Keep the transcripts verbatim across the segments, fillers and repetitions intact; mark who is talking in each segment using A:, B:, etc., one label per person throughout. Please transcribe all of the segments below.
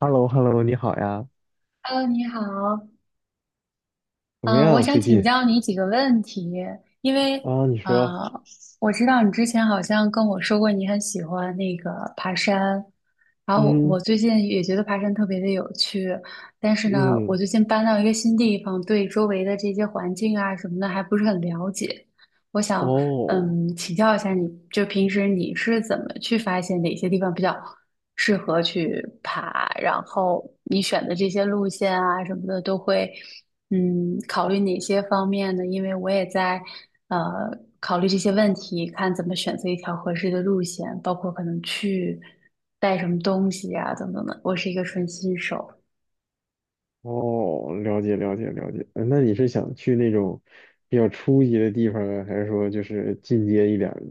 A: h e l l o h e l l o 你好呀，
B: Hello，你好，
A: 怎么
B: 嗯，呃我
A: 样
B: 想
A: 最
B: 请
A: 近？
B: 教你几个问题，因为
A: 啊，你说，
B: 呃，我知道你之前好像跟我说过你很喜欢那个爬山，然后我我
A: 嗯
B: 最近也觉得爬山特别的有趣，但是呢，我
A: 嗯，
B: 最近搬到一个新地方，对周围的这些环境啊什么的还不是很了解。我想
A: 哦
B: 嗯，请教一下你，就平时你是怎么去发现哪些地方比较适合去爬，然后你选的这些路线啊什么的都会。嗯，考虑哪些方面呢？因为我也在呃考虑这些问题，看怎么选择一条合适的路线，包括可能去带什么东西呀、等等的。我是一个纯新手，
A: 哦，了解了解了解。呃那你是想去那种比较初级的地方呢，还是说就是进阶一点儿的？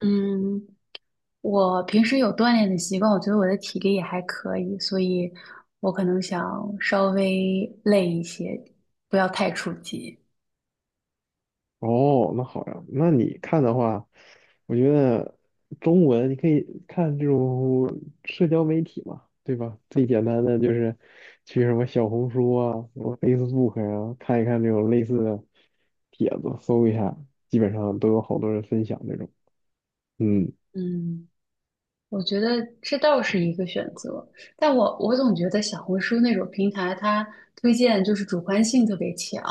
B: 嗯，我平时有锻炼的习惯，我觉得我的体力也还可以，所以我可能想稍微累一些，不要太初级。
A: 哦，那好呀，那你看的话，我觉得中文你可以看这种社交媒体嘛，对吧？最简单的就是去什么小红书啊、什么 Facebook 啊，看一看这种类似的帖子，搜一下，基本上都有好多人分享这种。嗯，
B: 嗯。我觉得这倒是一个选择，但我我总觉得小红书那种平台，它推荐就是主观性特别强，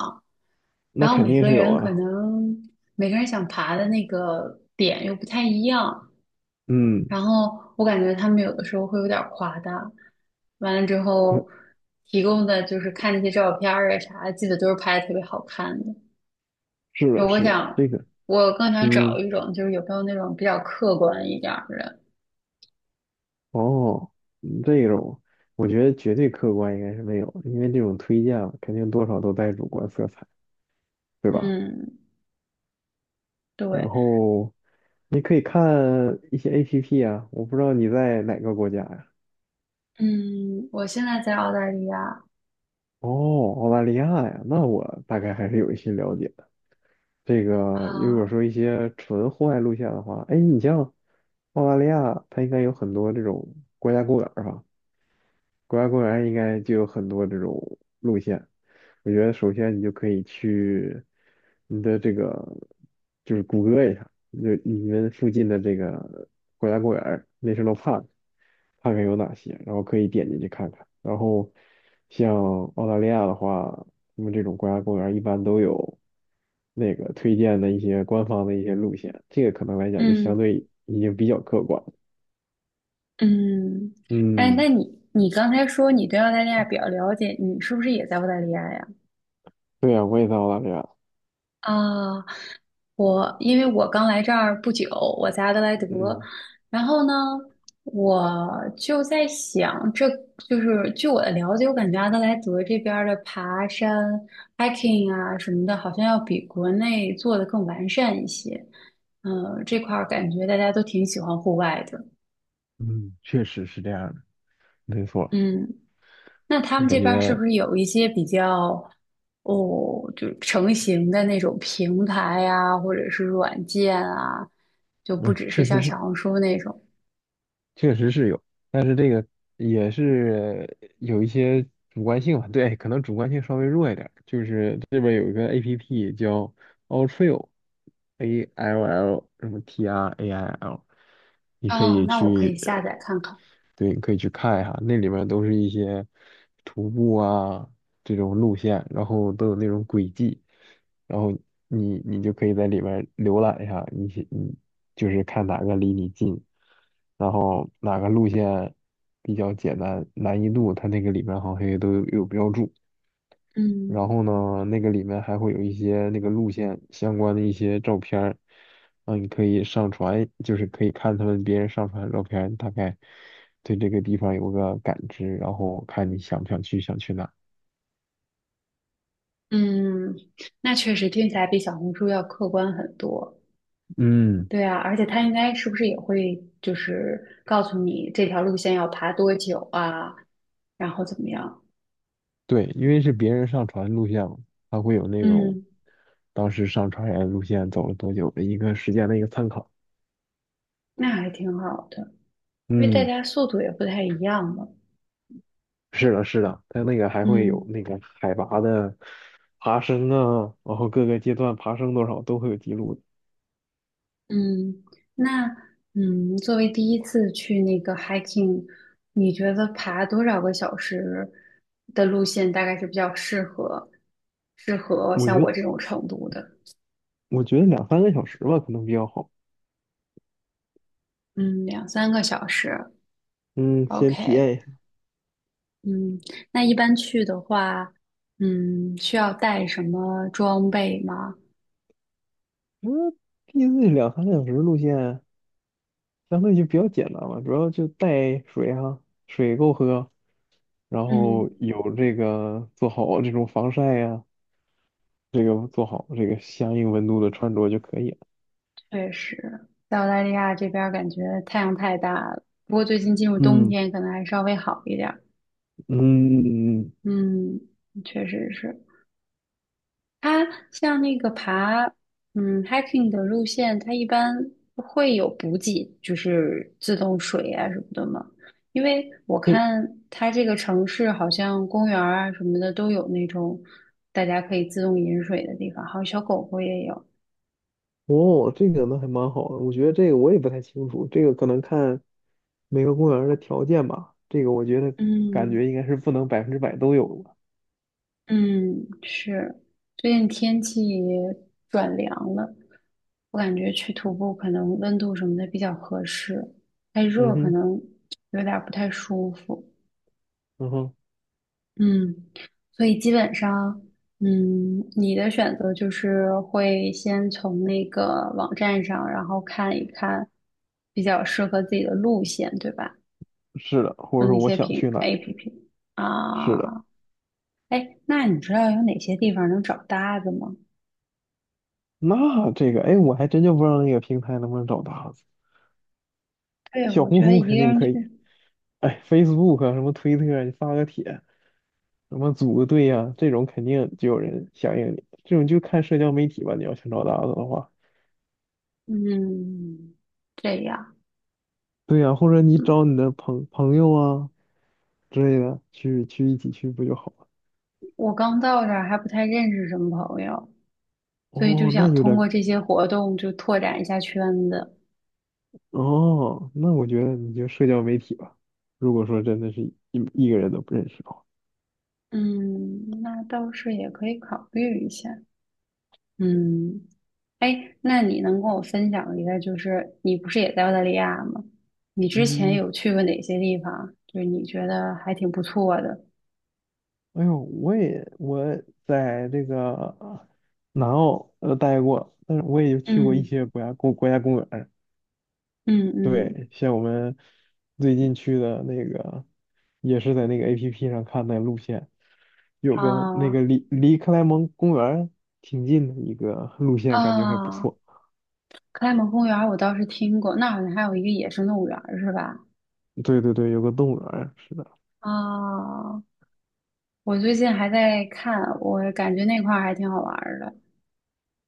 A: 那
B: 然后
A: 肯
B: 每
A: 定
B: 个
A: 是有
B: 人可
A: 啊。
B: 能每个人想爬的那个点又不太一样，
A: 嗯，
B: 然后我感觉他们有的时候会有点儿夸大，完了之
A: 那
B: 后提供的就是看那些照片儿啊啥的，记得都是拍的特别好看的。
A: 是
B: 就
A: 的，
B: 我
A: 是的，
B: 想，
A: 这个，
B: 我更想找
A: 嗯，
B: 一种就是有没有那种比较客观一点儿的，
A: 哦，嗯这种我觉得绝对客观应该是没有，因为这种推荐啊肯定多少都带主观色彩。对吧？
B: 嗯，
A: 然
B: 对。
A: 后你可以看一些 A P P 啊，我不知道你在哪个国家呀？
B: 嗯，我现在在澳大利亚
A: 哦，澳大利亚呀，那我大概还是有一些了解的。这个如果
B: 啊，
A: 说一些纯户外路线的话，哎，你像澳大利亚，它应该有很多这种国家公园儿吧？国家公园应该就有很多这种路线。我觉得首先你就可以去你的这个，就是谷歌一下，就你们附近的这个国家公园儿 n a t i o 看看有哪些，然后可以点进去看看。然后像澳大利亚的话，他们这种国家公园儿一般都有那个推荐的一些官方的一些路线，这个可能来讲就相
B: 嗯
A: 对已经比较客观了。
B: 嗯，哎，
A: 嗯，
B: 那你你刚才说你对澳大利亚比较了解，你是不是也在澳大利亚呀？
A: 对呀，我也在澳大利亚。
B: 啊，我因为我刚来这儿不久，我在阿德莱德，
A: 嗯。
B: 然后呢，我就在想，这就是据我的了解，我感觉阿德莱德这边儿的爬山、hiking 啊什么的，好像要比国内做的更完善一些。嗯，这块儿感觉大家都挺喜欢户外的。
A: 嗯，确实是这样的，没错，
B: 嗯那他们
A: 感
B: 这边儿是不
A: 觉
B: 是有一些比较哦，就成型的那种平台呀，或者是软件啊，就不
A: 嗯，
B: 只是
A: 确实
B: 像
A: 是，
B: 小红书那种
A: 确实是有，也是有一些主观性吧，对，可能主观性稍微弱一点儿就是这边有一个 A P P 叫 Alltrail，A L L 什么 T R A I L，你可
B: 哦，
A: 以
B: 那我可以
A: 去
B: 下载看看。
A: 对，你可以去看一下，那里面都是一些徒步啊这种路线，然后都有那种轨迹，然后你你就可以在里面浏览一下，你你就是看哪个离你近，然后哪个路线比较简单，难易度它那个里面好像也都有有标注。然
B: 嗯
A: 后呢，那个里面还会有一些那个路线相关的一些照片儿，啊，你可以上传，就是可以看他们别人上传的照片儿大概对这个地方有个感知，然后看你想不想去，想去哪儿。
B: 嗯，那确实听起来比小红书要客观很多。
A: 嗯，
B: 对啊，而且它应该是不是也会就是告诉你这条路线要爬多久啊，然后怎么样？
A: 对，因为是别人上传路线嘛，它会有那种
B: 嗯，
A: 当时上传人路线走了多久的一个时间的一个参考。
B: 那还挺好的，因为大
A: 嗯，
B: 家速度也不太一样嘛。
A: 是的，是的，它那个还会有
B: 嗯。
A: 那个海拔的爬升啊，然后各个阶段爬升多少都会有记录的。
B: 嗯，那嗯，作为第一次去那个 hiking，你觉得爬多少个小时的路线大概是比较适合适合
A: 我觉
B: 像我
A: 得
B: 这种程度的？
A: 我觉得两三个小时吧，可能比较好。
B: 嗯，两三个小时
A: 嗯，先体
B: ，OK。
A: 验一下。
B: 嗯，那一般去的话，嗯，需要带什么装备吗？
A: 嗯一 z 两三个小时路线相对就比较简单嘛，主要就带水啊，水够喝，然后
B: 嗯，
A: 有这个做好这种防晒呀、这个做好这个相应温度的穿着就可以了。
B: 确实，在澳大利亚这边儿感觉太阳太大了，不过最近进入冬
A: 嗯
B: 天，可能还稍微好一点儿。
A: 嗯嗯，
B: 嗯，确实是。它像那个爬，嗯，hiking 的路线，它一般会有补给，就是自动水啊什么的嘛。因为我看它这个城市好像公园儿啊什么的都有那种大家可以自动饮水的地方，还有小狗狗也有。
A: 哦，这个那还蛮好的。我觉得这个我也不太清楚，这个可能看每个公园儿的条件吧。这个我觉得感觉
B: 嗯
A: 应该是不能百分之百都有的。
B: 嗯，是，最近天气转凉了，我感觉去徒步可能温度什么的比较合适，太
A: 嗯
B: 热可
A: 哼。
B: 能有点儿不太舒服。
A: 嗯哼，
B: 嗯，所以基本上，嗯，你的选择就是会先从那个网站上，然后看一看比较适合自己的路线，对吧？
A: 是的，或者
B: 用
A: 说
B: 那
A: 我
B: 些
A: 想
B: 平
A: 去哪儿，
B: A P P
A: 是的，
B: 啊，哎，那你知道有哪些地方能找搭子吗？
A: 那这个，哎，我还真就不知道那个平台能不能找搭子，
B: 对，
A: 小
B: 我觉
A: 红
B: 得
A: 书
B: 一
A: 肯
B: 个
A: 定
B: 人
A: 可以，
B: 去，
A: 哎，Facebook 啊什么推特啊你发个帖，什么组个队呀、这种肯定就有人响应你，这种就看社交媒体吧，你要想找搭子的话，
B: 嗯，这样，
A: 对呀、或者你
B: 嗯，
A: 找你的朋朋友啊之类的，去去一起去不就好了？
B: 我刚到这儿还不太认识什么朋友，所以就
A: 哦，那
B: 想
A: 有
B: 通
A: 点，
B: 过这些活动就拓展一下圈子。
A: 哦，那我觉得你就社交媒体吧，如果说真的是一一个人都不认识的话。
B: 嗯，那倒是也可以考虑一下。嗯，哎，那你能跟我分享一个，就是你不是也在澳大利亚吗？你之前
A: 嗯，
B: 有去过哪些地方啊？就是你觉得还挺不错的。
A: 哎呦，我也我在这个南澳呃待过，但是我也去过一
B: 嗯
A: 些国家公国家公园儿。
B: 嗯嗯，
A: 对，像我们最近去的那个，也是在那个 A P P 上看的路线，有个那
B: 啊
A: 个离离克莱蒙公园儿挺近的一个路线，感觉还不
B: 啊，
A: 错。
B: 克莱蒙公园儿我倒是听过，那好像还有一个野生动物园儿是吧？
A: 对对对，有个动物园儿是的。
B: 啊，我最近还在看，我感觉那块儿还挺好玩儿的。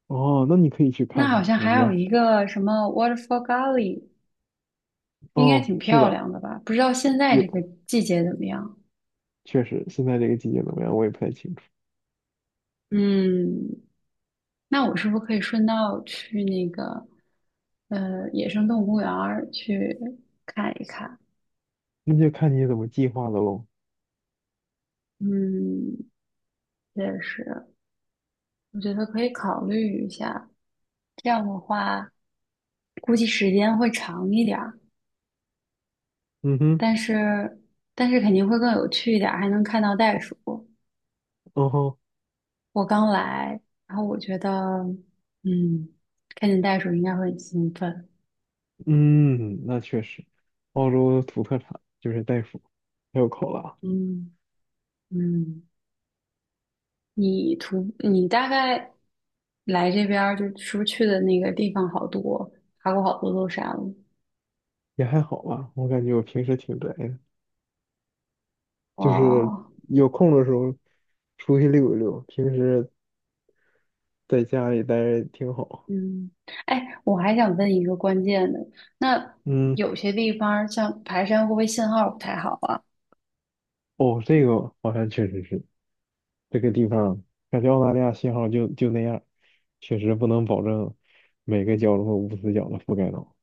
A: 哦，那你可以去
B: 那
A: 看
B: 好
A: 看的
B: 像
A: 我
B: 还
A: 觉
B: 有
A: 得。
B: 一个什么 Waterfall Gully。应该
A: 哦，
B: 挺
A: 是
B: 漂
A: 的，
B: 亮的吧？不知道现在
A: 有，
B: 这个季节怎么样？
A: 确实，现在这个季节怎么样，我也不太清楚，
B: 嗯，那我是不是可以顺道去那个呃野生动物公园儿去看一看？
A: 那就看你怎么计划的喽。
B: 嗯，也是，我觉得可以考虑一下。这样的话，估计时间会长一点儿，
A: 嗯哼，
B: 但是但是肯定会更有趣一点儿，还能看到袋鼠。
A: 哦吼，
B: 我刚来，然后我觉得，嗯，看见袋鼠应该会很兴奋。
A: 嗯，那确实，澳洲土特产就是袋鼠，还有考拉，
B: 嗯嗯。你图你大概来这边儿就是不是去的那个地方好多，爬过好多座山了。
A: 也还好吧。我感觉我平时挺宅的，就是
B: 哇，
A: 有空的时候出去溜一溜，平时在家里待着挺好。
B: 嗯，哎，我还想问一个关键的，那
A: 嗯，
B: 有些地方儿像爬山会不会信号不太好啊？
A: 哦，这个好像确实是这个地方，感觉澳大利亚信号就就那样，确实不能保证每个角落无死角的覆盖到。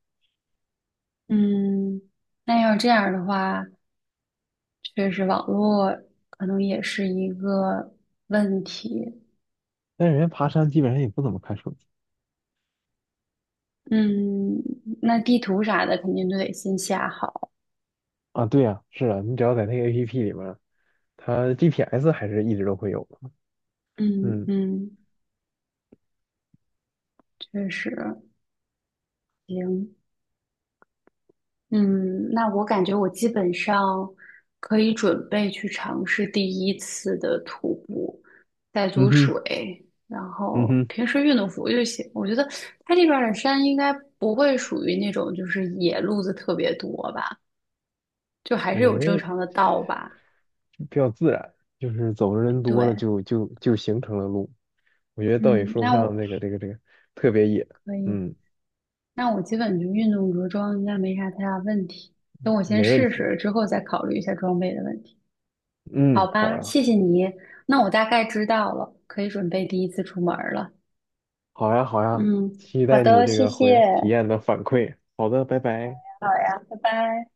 B: 嗯，那要这样的话，确实网络可能也是一个问题。
A: 但人家爬山基本上也不怎么看手机
B: 嗯，那地图啥的肯定都得先下好。
A: 啊。对呀，是啊，你只要在那个 A P P 里面。它 G P S 还是一直都会有的。
B: 嗯
A: 嗯，
B: 嗯，确实行。嗯，那我感觉我基本上可以准备去尝试第一次的徒步，带
A: 嗯
B: 足
A: 哼，
B: 水，然
A: 嗯
B: 后
A: 哼，
B: 平时运动服就行。我觉得它这边儿的山应该不会属于那种就是野路子特别多吧，就还是
A: 我
B: 有
A: 觉
B: 正
A: 得
B: 常的道吧。
A: 比较自然，就是走的人多了
B: 对，
A: 就就就形成了路。我觉得倒也
B: 嗯，
A: 说不
B: 那
A: 上
B: 我
A: 那个这个这个特别野。
B: 可以，
A: 嗯，
B: 那我基本就运动着装应该没啥太大问题。等我先
A: 没问
B: 试
A: 题的。
B: 试，之后再考虑一下装备的问题。好
A: 嗯，好
B: 吧，
A: 呀，
B: 谢谢你。那我大概知道了，可以准备第一次出门儿了。
A: 好呀，好呀，
B: 嗯，
A: 期
B: 好
A: 待你
B: 的，
A: 这
B: 谢
A: 个回来体
B: 谢。
A: 验的反馈。好的，拜拜。
B: 好呀，拜拜。